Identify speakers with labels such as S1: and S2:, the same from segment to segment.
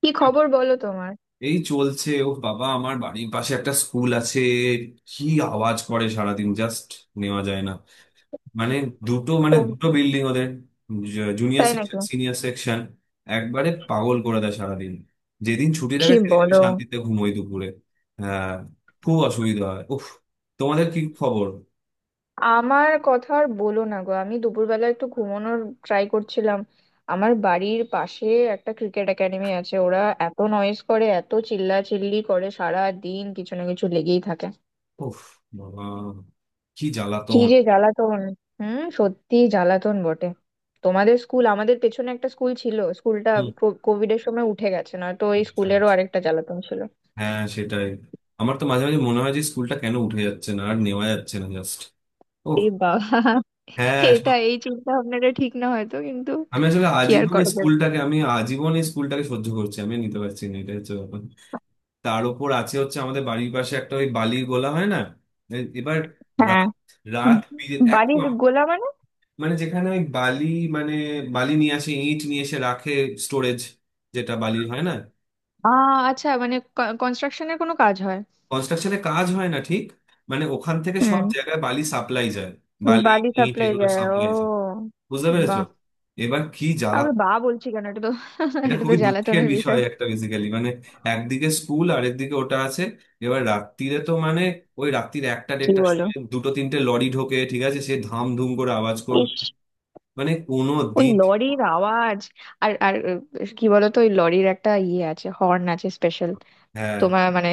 S1: কি খবর বলো তোমার?
S2: এই চলছে। ও বাবা, আমার বাড়ির পাশে একটা স্কুল আছে। কি আওয়াজ করে সারাদিন! জাস্ট নেওয়া যায় না। মানে দুটো মানে
S1: তো
S2: দুটো বিল্ডিং ওদের, জুনিয়র
S1: তাই
S2: সেকশন,
S1: নাকি?
S2: Senior section. একবারে পাগল করে দেয় সারাদিন। যেদিন ছুটি থাকে
S1: কি
S2: সেদিন আমি
S1: বলো?
S2: শান্তিতে ঘুমোই দুপুরে। হ্যাঁ, খুব অসুবিধা হয়। উফ! তোমাদের কি খবর?
S1: আমার কথা আর বলো না গো, আমি দুপুরবেলা একটু ঘুমানোর ট্রাই করছিলাম। আমার বাড়ির পাশে একটা ক্রিকেট একাডেমি আছে, ওরা এত নয়েজ করে, এত চিল্লাচিল্লি করে, সারা দিন কিছু না কিছু লেগেই থাকে।
S2: উফ বাবা, কি
S1: কি
S2: জ্বালাতন!
S1: যে জ্বালাতন। হুম, সত্যি জ্বালাতন বটে। তোমাদের স্কুল, আমাদের পেছনে একটা স্কুল ছিল, স্কুলটা
S2: হুম।
S1: কোভিড এর সময় উঠে গেছে, না তো এই স্কুলেরও আরেকটা জ্বালাতন ছিল।
S2: হ্যাঁ সেটাই। আমার তো মাঝে মাঝে মনে হয় যে স্কুলটা কেন উঠে যাচ্ছে না, আর নেওয়া যাচ্ছে না জাস্ট।
S1: এ বাবা,
S2: হ্যাঁ.
S1: এটা এই চিন্তা ভাবনাটা ঠিক না হয়তো, কিন্তু
S2: আমি আসলে
S1: কি আর
S2: আজীবন এই
S1: করা যাবে।
S2: স্কুলটাকে আমি আজীবন এই স্কুলটাকে সহ্য করছি। আমি নিতে পারছি না, এটা হচ্ছে ব্যাপার। তার উপর আছে হচ্ছে আমাদের বাড়ির পাশে একটা ওই বালির গোলা হয় না। এবার
S1: হ্যাঁ।
S2: রাত
S1: উম,
S2: রাত বিরে-
S1: বালির
S2: একদম।
S1: গোলা মানে?
S2: মানে যেখানে ওই বালি, মানে বালি নিয়ে আসে, ইট নিয়ে এসে রাখে। স্টোরেজ, যেটা বালির হয় না।
S1: আ আচ্ছা, মানে কনস্ট্রাকশনের কোনো কাজ হয়?
S2: কনস্ট্রাকশনে কাজ হয় না ঠিক। মানে ওখান থেকে সব
S1: হুম।
S2: জায়গায় বালি সাপ্লাই যায়। বালি,
S1: বালি
S2: ইট
S1: সাপ্লাই
S2: এগুলো
S1: যায়, ও।
S2: সাপ্লাই যায়। বুঝতে পেরেছো?
S1: বাহ।
S2: এবার কি জ্বালা!
S1: আবার বা বলছি কেন, এটা তো
S2: এটা
S1: এটা তো
S2: খুবই দুঃখের
S1: জ্বালাতনের
S2: বিষয়
S1: বিষয়।
S2: একটা, বেসিক্যালি, মানে একদিকে স্কুল আর একদিকে ওটা আছে। এবার রাত্রিরে তো মানে, ওই রাত্রির একটা
S1: কি
S2: দেড়টার
S1: বলো।
S2: সময় দুটো তিনটে লরি ঢোকে, ঠিক আছে, সে ধাম ধুম করে আওয়াজ করবে।
S1: ইস।
S2: মানে কোনো
S1: ওই
S2: দিন।
S1: লরির আওয়াজ। আর আর আহ, কি বলতো, ওই লরির একটা ইয়ে আছে, হর্ন আছে স্পেশাল।
S2: হ্যাঁ।
S1: তোমার মানে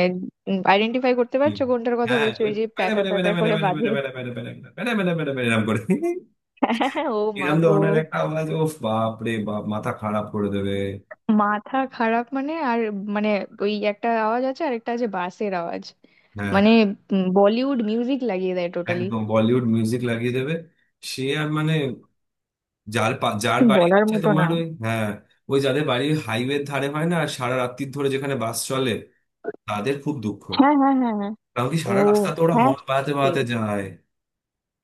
S1: আইডেন্টিফাই করতে
S2: হুম।
S1: পারছো কোনটার কথা
S2: হ্যাঁ,
S1: বলছো?
S2: ওই
S1: ওই যে প্যা
S2: প্যারা
S1: প্যা
S2: প্যারা
S1: প্যা
S2: প্যারা
S1: প্যা
S2: প্যারা
S1: করে
S2: প্যারা
S1: বাজে।
S2: প্যারা প্যারা প্যারা প্যারা প্যারা প্যারা প্যারা এরম করে।
S1: হ্যাঁ, ও মা
S2: এরম
S1: গো।
S2: ধরনের একটা আওয়াজ। ও বাপ রে বাপ, মাথা খারাপ করে দেবে।
S1: মাথা খারাপ মানে আর মানে ওই একটা আওয়াজ আছে, আর একটা আছে বাসের আওয়াজ
S2: হ্যাঁ,
S1: মানে বলিউড মিউজিক লাগিয়ে দেয় টোটালি।
S2: একদম বলিউড মিউজিক লাগিয়ে দেবে। সে আর মানে, যার বাড়ি
S1: বলার
S2: হচ্ছে
S1: মতো
S2: তোমার
S1: না।
S2: ওই, হ্যাঁ। ওই যাদের বাড়ি হাইওয়ের ধারে হয় না আর সারা রাত্রির ধরে যেখানে বাস চলে, তাদের খুব দুঃখ।
S1: হ্যাঁ, হ্যাঁ, হ্যাঁ, হ্যাঁ।
S2: কারণ কি,
S1: ও,
S2: সারা রাস্তা তো ওরা
S1: হ্যাঁ।
S2: হর্ন বাজাতে বাজাতে
S1: এ-
S2: যায়।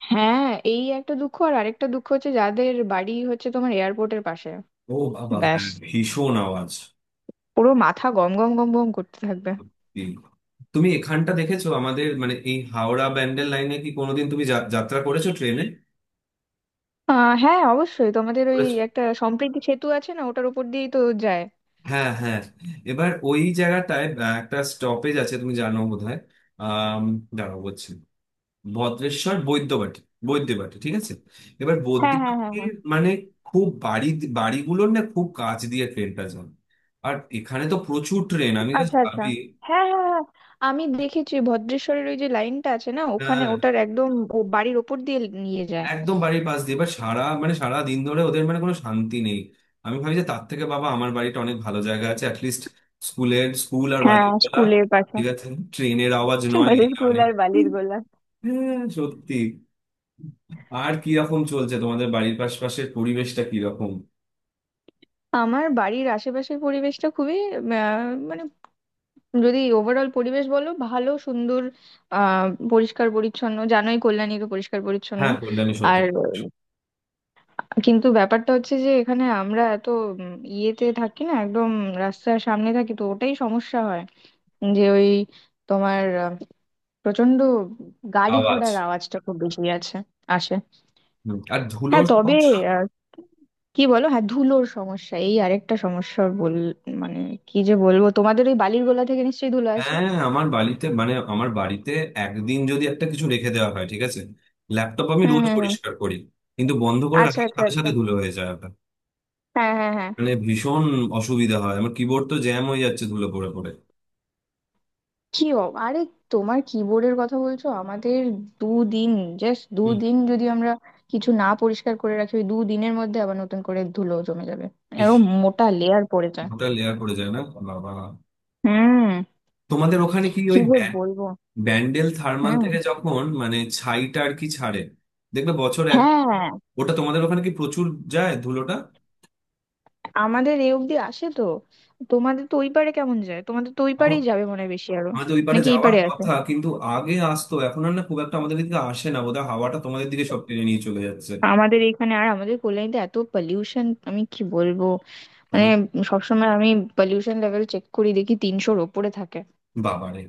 S1: হ্যাঁ, এই একটা দুঃখ, আর আরেকটা দুঃখ হচ্ছে যাদের বাড়ি হচ্ছে তোমার এয়ারপোর্টের পাশে।
S2: ও বাবা,
S1: ব্যাস,
S2: হ্যাঁ, ভীষণ আওয়াজ।
S1: পুরো মাথা গম গম গম গম করতে থাকবে।
S2: সত্যি। তুমি এখানটা দেখেছো আমাদের, মানে এই হাওড়া ব্যান্ডেল লাইনে কি কোনোদিন তুমি যাত্রা করেছো ট্রেনে?
S1: আহ হ্যাঁ, অবশ্যই, তোমাদের ওই
S2: করেছো?
S1: একটা সম্প্রীতি সেতু আছে না, ওটার উপর দিয়েই তো যায়।
S2: হ্যাঁ হ্যাঁ। এবার ওই জায়গাটায় একটা স্টপেজ আছে, তুমি জানো বোধহয়। আহ দাঁড়াও বলছি। ভদ্রেশ্বর, বৈদ্যবাটী। বৈদ্যবাটী, ঠিক আছে। এবার হুম।
S1: হ্যাঁ, হ্যাঁ, হ্যাঁ,
S2: বৈদ্যবাটীর
S1: হ্যাঁ।
S2: মানে, খুব বাড়ি, বাড়িগুলোর না খুব কাছ দিয়ে ট্রেনটা যায়। আর এখানে তো প্রচুর ট্রেন। আমি জাস্ট
S1: আচ্ছা আচ্ছা,
S2: ভাবি।
S1: হ্যাঁ, হ্যাঁ, হ্যাঁ। আমি দেখেছি ভদ্রেশ্বরের ওই যে লাইনটা আছে না, ওখানে
S2: হ্যাঁ,
S1: ওটার একদম ও বাড়ির ওপর দিয়ে নিয়ে যায়।
S2: একদম বাড়ির পাশ দিয়ে। এবার সারা মানে সারা দিন ধরে ওদের মানে কোনো শান্তি নেই। আমি ভাবি যে তার থেকে বাবা আমার বাড়িটা অনেক ভালো জায়গা আছে অ্যাটলিস্ট। স্কুল আর
S1: হ্যাঁ,
S2: বালির তোলা
S1: স্কুলের পাশে
S2: ঠিক আছে, ট্রেনের আওয়াজ নয়,
S1: আমাদের
S2: এই
S1: স্কুল
S2: অনেক।
S1: আর বালির গোলা।
S2: হ্যাঁ সত্যি। আর কিরকম চলছে তোমাদের বাড়ির পাশপাশের পরিবেশটা, কিরকম?
S1: আমার বাড়ির আশেপাশের পরিবেশটা খুবই আহ, মানে যদি ওভারঅল পরিবেশ বলো, ভালো সুন্দর। আহ পরিষ্কার পরিচ্ছন্ন, জানোই কল্যাণী তো পরিষ্কার পরিচ্ছন্ন।
S2: হ্যাঁ, কল্যাণী সত্যি।
S1: আর কিন্তু ব্যাপারটা হচ্ছে যে এখানে আমরা এত ইয়েতে থাকি না, একদম রাস্তার সামনে থাকি, তো ওটাই সমস্যা হয়, যে ওই তোমার প্রচন্ড গাড়ি
S2: আওয়াজ।
S1: ঘোড়ার আওয়াজটা খুব বেশি আছে, আসে।
S2: হুম, আর
S1: হ্যাঁ
S2: ধুলোর
S1: তবে
S2: সমস্যা।
S1: আহ, কি বলো, হ্যাঁ ধুলোর সমস্যা এই আরেকটা সমস্যা বল, মানে কি যে বলবো, তোমাদের ওই বালির গোলা থেকে নিশ্চয়ই ধুলো আসে।
S2: হ্যাঁ, আমার বাড়িতে মানে আমার বাড়িতে একদিন যদি একটা কিছু রেখে দেওয়া হয় ঠিক আছে। ল্যাপটপ আমি
S1: হুম,
S2: রোজ
S1: হুম, হুম।
S2: পরিষ্কার করি। কিন্তু বন্ধ করে
S1: আচ্ছা
S2: রাখার
S1: আচ্ছা
S2: সাথে
S1: আচ্ছা,
S2: সাথে ধুলো হয়ে যায় ওটা।
S1: হ্যাঁ, হ্যাঁ, হ্যাঁ।
S2: মানে ভীষণ অসুবিধা হয়। আমার কিবোর্ড তো জ্যাম হয়ে যাচ্ছে ধুলো পড়ে পড়ে।
S1: আরে তোমার কিবোর্ডের কথা বলছো, আমাদের দুদিন, জাস্ট
S2: হুম।
S1: দুদিন যদি আমরা কিছু না পরিষ্কার করে রাখি, ওই দুদিনের মধ্যে আবার নতুন করে ধুলো জমে যাবে,
S2: ইস,
S1: এরকম মোটা লেয়ার পড়ে যায়।
S2: ওটা লেয়ার পড়ে যায় না? বাবা!
S1: হুম।
S2: তোমাদের ওখানে কি
S1: কি
S2: ওই
S1: যে বলবো।
S2: ব্যান্ডেল থার্মাল
S1: হুম।
S2: থেকে যখন মানে ছাইটা আর কি ছাড়ে, দেখবে বছর এক।
S1: হ্যাঁ,
S2: ওটা তোমাদের ওখানে কি প্রচুর যায় ধুলোটা?
S1: আমাদের এ অব্দি আসে তো, তোমাদের তো ওই পারে কেমন যায়, তোমাদের তো ওই পারেই যাবে মনে হয় বেশি আরো,
S2: আমাদের ওই পারে
S1: নাকি এই
S2: যাওয়ার
S1: পারে আছে।
S2: কথা কিন্তু, আগে আসতো, এখন আর না, খুব একটা আমাদের দিকে আসে না বোধহয়, হাওয়াটা তোমাদের দিকে সব টেনে নিয়ে চলে যাচ্ছে।
S1: আমাদের এখানে আর আমাদের কল্যাণীতে এত পলিউশন আমি কি বলবো, মানে
S2: উম,
S1: সবসময় আমি পলিউশন লেভেল চেক করি, দেখি তিনশোর ওপরে থাকে।
S2: বাবারে,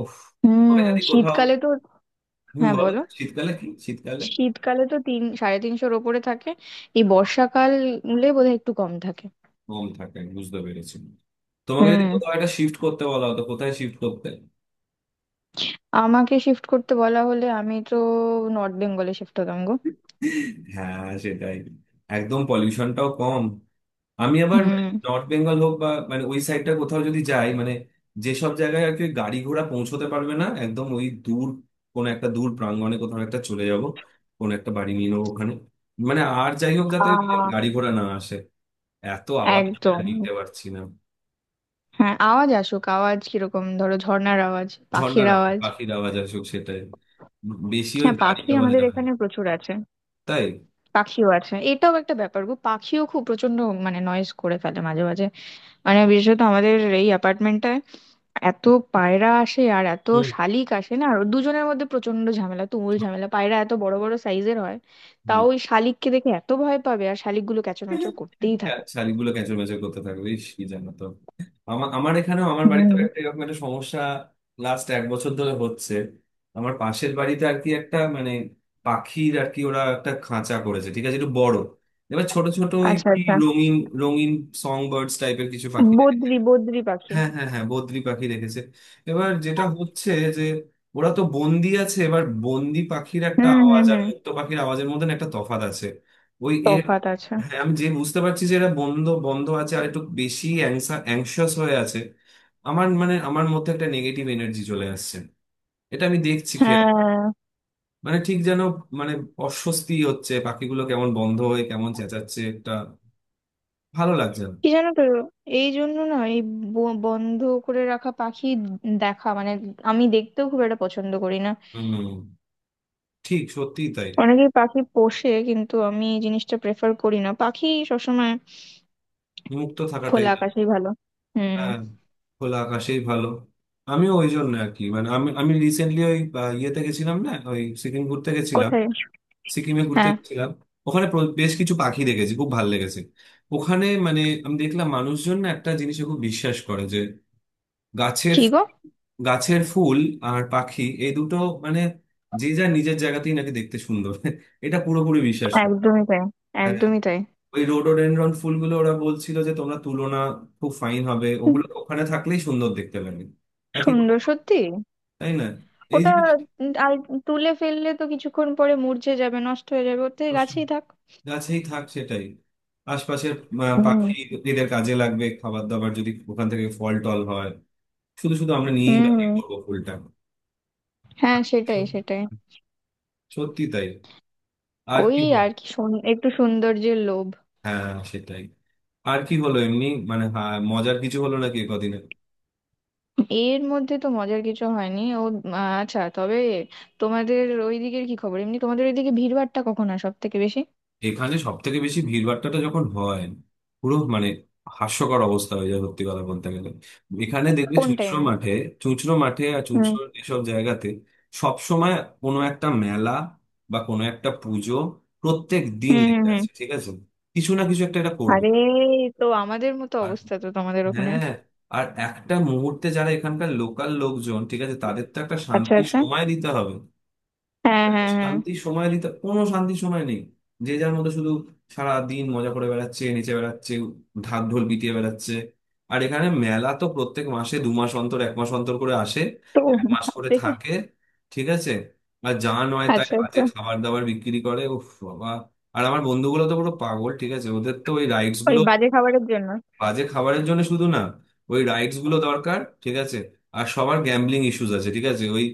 S2: ওহ। ওকে
S1: হুম।
S2: যদি কোথাও,
S1: শীতকালে তো,
S2: হম
S1: হ্যাঁ
S2: বলো,
S1: বলো,
S2: শীতকালে কি, শীতকালে
S1: শীতকালে তো তিন সাড়ে তিনশোর ওপরে থাকে, এই বর্ষাকালে বোধহয় একটু কম থাকে।
S2: কম থাকে বুঝতে পেরেছি। তোমাকে যদি
S1: হুম।
S2: কোথাও একটা শিফট করতে বলা হতো, কোথায় শিফট করতে?
S1: আমাকে শিফট করতে বলা হলে আমি তো নর্থ বেঙ্গলে শিফট হতাম গো।
S2: হ্যাঁ সেটাই, একদম পলিউশনটাও কম। আমি আবার মানে
S1: হুম।
S2: নর্থ বেঙ্গল হোক বা মানে ওই সাইডটা কোথাও যদি যাই মানে, যেসব জায়গায় আর কি ওই গাড়ি ঘোড়া পৌঁছতে পারবে না একদম, ওই দূর। কোন একটা দূর প্রাঙ্গণে কোথাও একটা চলে যাব। কোন একটা বাড়ি নিয়ে নেবো ওখানে। মানে আর যাই হোক, যাতে মানে
S1: আহ।
S2: গাড়ি ঘোড়া না আসে। এত আওয়াজ আমি আর
S1: একদম।
S2: নিতে পারছি না।
S1: হ্যাঁ, আওয়াজ আসুক, আওয়াজ কিরকম ধরো ঝর্ণার আওয়াজ পাখির
S2: ঝর্ণার আওয়াজ
S1: আওয়াজ।
S2: পাখির আওয়াজ আসুক সেটাই, বেশি ওই
S1: হ্যাঁ,
S2: গাড়ির
S1: পাখি
S2: আওয়াজ
S1: আমাদের
S2: না হয়।
S1: এখানে প্রচুর আছে।
S2: তাই?
S1: পাখিও আছে, এটাও একটা ব্যাপার গো, পাখিও খুব প্রচন্ড মানে নয়েজ করে ফেলে মাঝে মাঝে, মানে বিশেষত আমাদের এই অ্যাপার্টমেন্টটায় এত পায়রা আসে আর এত
S2: হুম।
S1: শালিক আসে না, আর দুজনের মধ্যে প্রচন্ড ঝামেলা, তুমুল ঝামেলা। পায়রা এত বড় বড় সাইজের হয়,
S2: হম।
S1: তাও ওই শালিককে দেখে এত ভয় পাবে, আর শালিকগুলো ক্যাচরমাচর করতেই থাকে।
S2: শাড়িগুলো ক্যাঁচড় ম্যাচড় করতে থাকবে, ইস, কি জানো তো। আমার আমার এখানেও, আমার বাড়িতে
S1: হুম।
S2: একটা এরকম একটা সমস্যা লাস্ট এক বছর ধরে হচ্ছে। আমার পাশের বাড়িতে আর কি একটা, মানে পাখির আর কি, ওরা একটা খাঁচা করেছে ঠিক আছে, একটু বড়। এবার ছোট ছোট ওই
S1: আচ্ছা
S2: কি
S1: আচ্ছা।
S2: রঙিন, রঙিন সং বার্ডস টাইপের কিছু পাখি।
S1: বদ্রি বদ্রি পাখি।
S2: হ্যাঁ হ্যাঁ হ্যাঁ, বদ্রি পাখি দেখেছে। এবার যেটা হচ্ছে যে, ওরা তো বন্দি আছে। এবার বন্দি পাখির একটা
S1: হুম,
S2: আওয়াজ
S1: হুম,
S2: আর
S1: হুম।
S2: মুক্ত পাখির আওয়াজের মধ্যে না একটা তফাৎ আছে। ওই এর,
S1: তফাৎ আছে,
S2: হ্যাঁ, আমি যে বুঝতে পারছি যে এরা বন্ধ বন্ধ আছে আর একটু বেশি অ্যাংশাস হয়ে আছে। আমার মানে আমার মধ্যে একটা নেগেটিভ এনার্জি চলে আসছে, এটা আমি দেখছি খেয়াল করে।
S1: হ্যাঁ।
S2: মানে ঠিক যেন মানে অস্বস্তি হচ্ছে, পাখিগুলো কেমন বন্ধ হয়ে কেমন চেঁচাচ্ছে একটা, ভালো লাগছে না।
S1: কি জানো তো, এই জন্য না এই বন্ধ করে রাখা পাখি দেখা মানে আমি দেখতেও খুব একটা পছন্দ করি না।
S2: হম, ঠিক সত্যিই তাই।
S1: অনেকেই পাখি পোষে, কিন্তু আমি এই জিনিসটা প্রেফার করি না, পাখি সবসময়
S2: মুক্ত থাকাটাই।
S1: খোলা আকাশেই ভালো। হুম।
S2: হ্যাঁ, খোলা আকাশেই ভালো। আমিও ওই জন্য আর কি, মানে আমি আমি রিসেন্টলি ওই ইয়েতে গেছিলাম না, ওই সিকিম ঘুরতে গেছিলাম।
S1: কোথায়?
S2: সিকিমে ঘুরতে
S1: হ্যাঁ।
S2: গেছিলাম। ওখানে বেশ কিছু পাখি দেখেছি, খুব ভালো লেগেছে। ওখানে মানে আমি দেখলাম মানুষজন না একটা জিনিসে খুব বিশ্বাস করে যে, গাছের
S1: কি গো?
S2: গাছের ফুল আর পাখি, এই দুটো মানে যে যার নিজের জায়গাতেই নাকি দেখতে সুন্দর। এটা পুরোপুরি বিশ্বাস করে।
S1: একদমই তাই।
S2: হ্যাঁ।
S1: একদমই তাই।
S2: ওই রোডোডেনড্রন ফুলগুলো ওরা বলছিল যে তোমরা তুলো না, খুব ফাইন হবে,
S1: হুম,
S2: ওগুলো ওখানে থাকলেই সুন্দর দেখতে লাগে। একই রকম
S1: সুন্দর
S2: হয়,
S1: সত্যি।
S2: তাই না? এই
S1: ওটা
S2: জিনিসটা
S1: আর তুলে ফেললে তো কিছুক্ষণ পরে মূর্ছে যাবে, নষ্ট হয়ে যাবে, ওর থেকে
S2: নষ্ট হয়।
S1: গাছেই থাক।
S2: গাছেই থাক সেটাই। আশপাশের
S1: হুম,
S2: পাখি, এদের কাজে লাগবে, খাবার দাবার যদি ওখান থেকে ফল টল হয়। শুধু শুধু আমরা নিয়েই বা কি
S1: হুম।
S2: করবো ফুলটা?
S1: হ্যাঁ, সেটাই, সেটাই।
S2: সত্যি তাই। আর
S1: ওই
S2: কি হলো?
S1: আর কি একটু সৌন্দর্যের লোভ।
S2: হ্যাঁ সেটাই। আর কি হলো এমনি, মানে হ্যাঁ, মজার কিছু হলো নাকি কদিনে?
S1: এর মধ্যে তো মজার কিছু হয়নি, ও আচ্ছা তবে তোমাদের ওই দিকের কি খবর এমনি, তোমাদের ওইদিকে ভিড়ভাট্টা কখন হয় সব থেকে বেশি?
S2: এখানে সব থেকে বেশি ভিড়ভাট্টাটা যখন হয়, পুরো মানে হাস্যকর অবস্থা হয়ে যায় সত্যি কথা বলতে গেলে। এখানে দেখবে
S1: কোন
S2: চুঁচড়ো
S1: টাইমে?
S2: মাঠে, চুঁচড়ো মাঠে আর
S1: হুম,
S2: চুঁচড়ো এসব জায়গাতে সব সময় কোনো একটা মেলা বা কোনো একটা পুজো প্রত্যেক দিন
S1: হুম, হুম,
S2: লেগে
S1: হুম।
S2: আছে, ঠিক আছে। কিছু না কিছু একটা এটা করবে।
S1: আরে এই তো আমাদের মতো
S2: আর,
S1: অবস্থা তো তোমাদের ওখানে।
S2: হ্যাঁ, আর একটা মুহূর্তে যারা এখানকার লোকাল লোকজন, ঠিক আছে, তাদের তো একটা
S1: আচ্ছা
S2: শান্তির
S1: আচ্ছা,
S2: সময় দিতে হবে।
S1: হ্যাঁ, হ্যাঁ, হ্যাঁ।
S2: শান্তি সময় দিতে, কোনো শান্তি সময় নেই। যে যার মধ্যে শুধু সারা দিন মজা করে বেড়াচ্ছে, নেচে বেড়াচ্ছে, ঢাক ঢোল পিটিয়ে বেড়াচ্ছে। আর এখানে মেলা তো প্রত্যেক মাসে, 2 মাস অন্তর, এক মাস অন্তর করে আসে।
S1: তো
S2: এক মাস করে থাকে, ঠিক আছে। আর যা নয় তাই
S1: আচ্ছা
S2: বাজে
S1: আচ্ছা।
S2: খাবার দাবার বিক্রি করে। উফ বাবা! আর আমার বন্ধুগুলো তো পুরো পাগল, ঠিক আছে, ওদের তো ওই রাইডস
S1: ওই
S2: গুলো,
S1: বাজে খাবারের জন্য।
S2: বাজে খাবারের জন্য শুধু না, ওই রাইটস গুলো দরকার ঠিক আছে। আর সবার গ্যাম্বলিং ইস্যুস আছে, ঠিক আছে, ওই,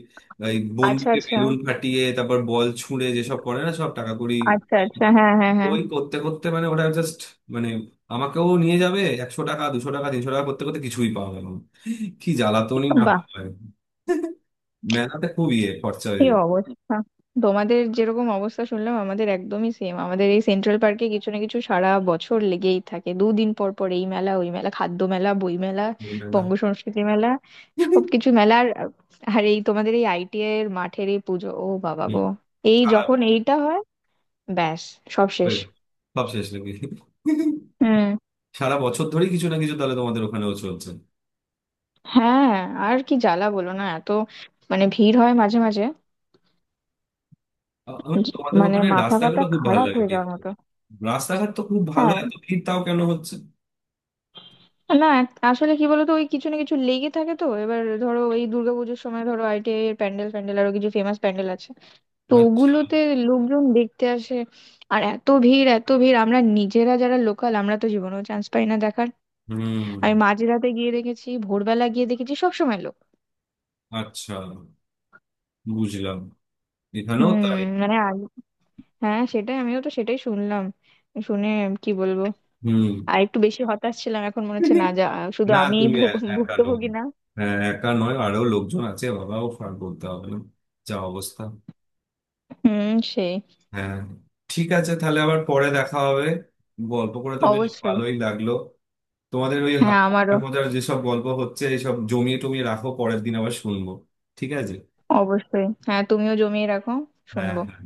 S2: ওই
S1: আচ্ছা
S2: বন্দুকে
S1: আচ্ছা
S2: বেলুন ফাটিয়ে তারপর বল ছুঁড়ে যেসব করে না, সব টাকা কড়ি।
S1: আচ্ছা আচ্ছা, হ্যাঁ, হ্যাঁ, হ্যাঁ।
S2: ওই করতে করতে মানে ওটা জাস্ট মানে আমাকেও নিয়ে যাবে, 100 টাকা, 200 টাকা, 300 টাকা করতে করতে কিছুই পাওয়া গেল না। কি জ্বালাতনই না
S1: বাহ।
S2: হয়! মেলাতে খুব ইয়ে খরচা
S1: কি
S2: হয়ে যায়।
S1: অবস্থা। তোমাদের যেরকম অবস্থা শুনলাম আমাদের একদমই সেম, আমাদের এই সেন্ট্রাল পার্কে কিছু না কিছু সারা বছর লেগেই থাকে, দুদিন পর পর এই মেলা ওই মেলা, খাদ্য মেলা, বই মেলা,
S2: এই মেলা।
S1: বঙ্গ সংস্কৃতি মেলা, সবকিছু মেলা। আর আর এই তোমাদের এই ITI এর মাঠের এই পুজো, ও বাবা
S2: হুম,
S1: গো, এই
S2: সারা,
S1: যখন এইটা হয় ব্যাস সব শেষ।
S2: ওই, সব শেষ নাকি?
S1: হুম।
S2: সারা বছর ধরেই কিছু না কিছু তাহলে তোমাদের ওখানেও চলছে।
S1: হ্যাঁ, আর কি জ্বালা বলো না, এত মানে ভিড় হয় মাঝে মাঝে,
S2: আমার, তোমাদের
S1: মানে
S2: ওখানে
S1: মাথা
S2: রাস্তাগুলো
S1: ফাতা
S2: খুব ভালো
S1: খারাপ
S2: লাগে
S1: হয়ে যাওয়ার
S2: দেখতে।
S1: মতো।
S2: রাস্তাঘাট তো খুব ভালো,
S1: হ্যাঁ,
S2: এত ভিড় তাও কেন হচ্ছে?
S1: না আসলে কি বলতো, ওই কিছু না কিছু লেগে থাকে তো, এবার ধরো এই দুর্গাপুজোর সময় ধরো ITI এর প্যান্ডেল ফ্যান্ডেল আরো কিছু ফেমাস প্যান্ডেল আছে, তো
S2: আচ্ছা।
S1: ওগুলোতে লোকজন দেখতে আসে, আর এত ভিড়, এত ভিড়, আমরা নিজেরা যারা লোকাল আমরা তো জীবনেও চান্স পাই না দেখার।
S2: হুম।
S1: আমি মাঝরাতে গিয়ে দেখেছি ভোরবেলা গিয়ে দেখেছি সব সময় লোক।
S2: আচ্ছা, বুঝলাম। এখানেও
S1: হুম।
S2: তাই।
S1: মানে আগে হ্যাঁ সেটাই, আমিও তো সেটাই শুনলাম, শুনে কি বলবো,
S2: হুম।
S1: আর একটু বেশি হতাশ ছিলাম, এখন মনে হচ্ছে না, যা শুধু
S2: না,
S1: আমিই
S2: তুমি একা নও।
S1: ভুক্তভোগী না।
S2: হ্যাঁ, একা নয়, আরো লোকজন আছে বাবা, ও ফার বলতে হবে না, যা অবস্থা।
S1: হুম। সেই।
S2: হ্যাঁ, ঠিক আছে, তাহলে আবার পরে দেখা হবে। গল্প করে তো বেশ
S1: অবশ্যই।
S2: ভালোই লাগলো। তোমাদের ওই
S1: হ্যাঁ আমারও।
S2: মজার মজার যেসব গল্প হচ্ছে এইসব জমিয়ে টমিয়ে রাখো, পরের দিন আবার শুনবো। ঠিক আছে,
S1: অবশ্যই হ্যাঁ, তুমিও জমিয়ে রাখো,
S2: হ্যাঁ
S1: শুনবো।
S2: হ্যাঁ।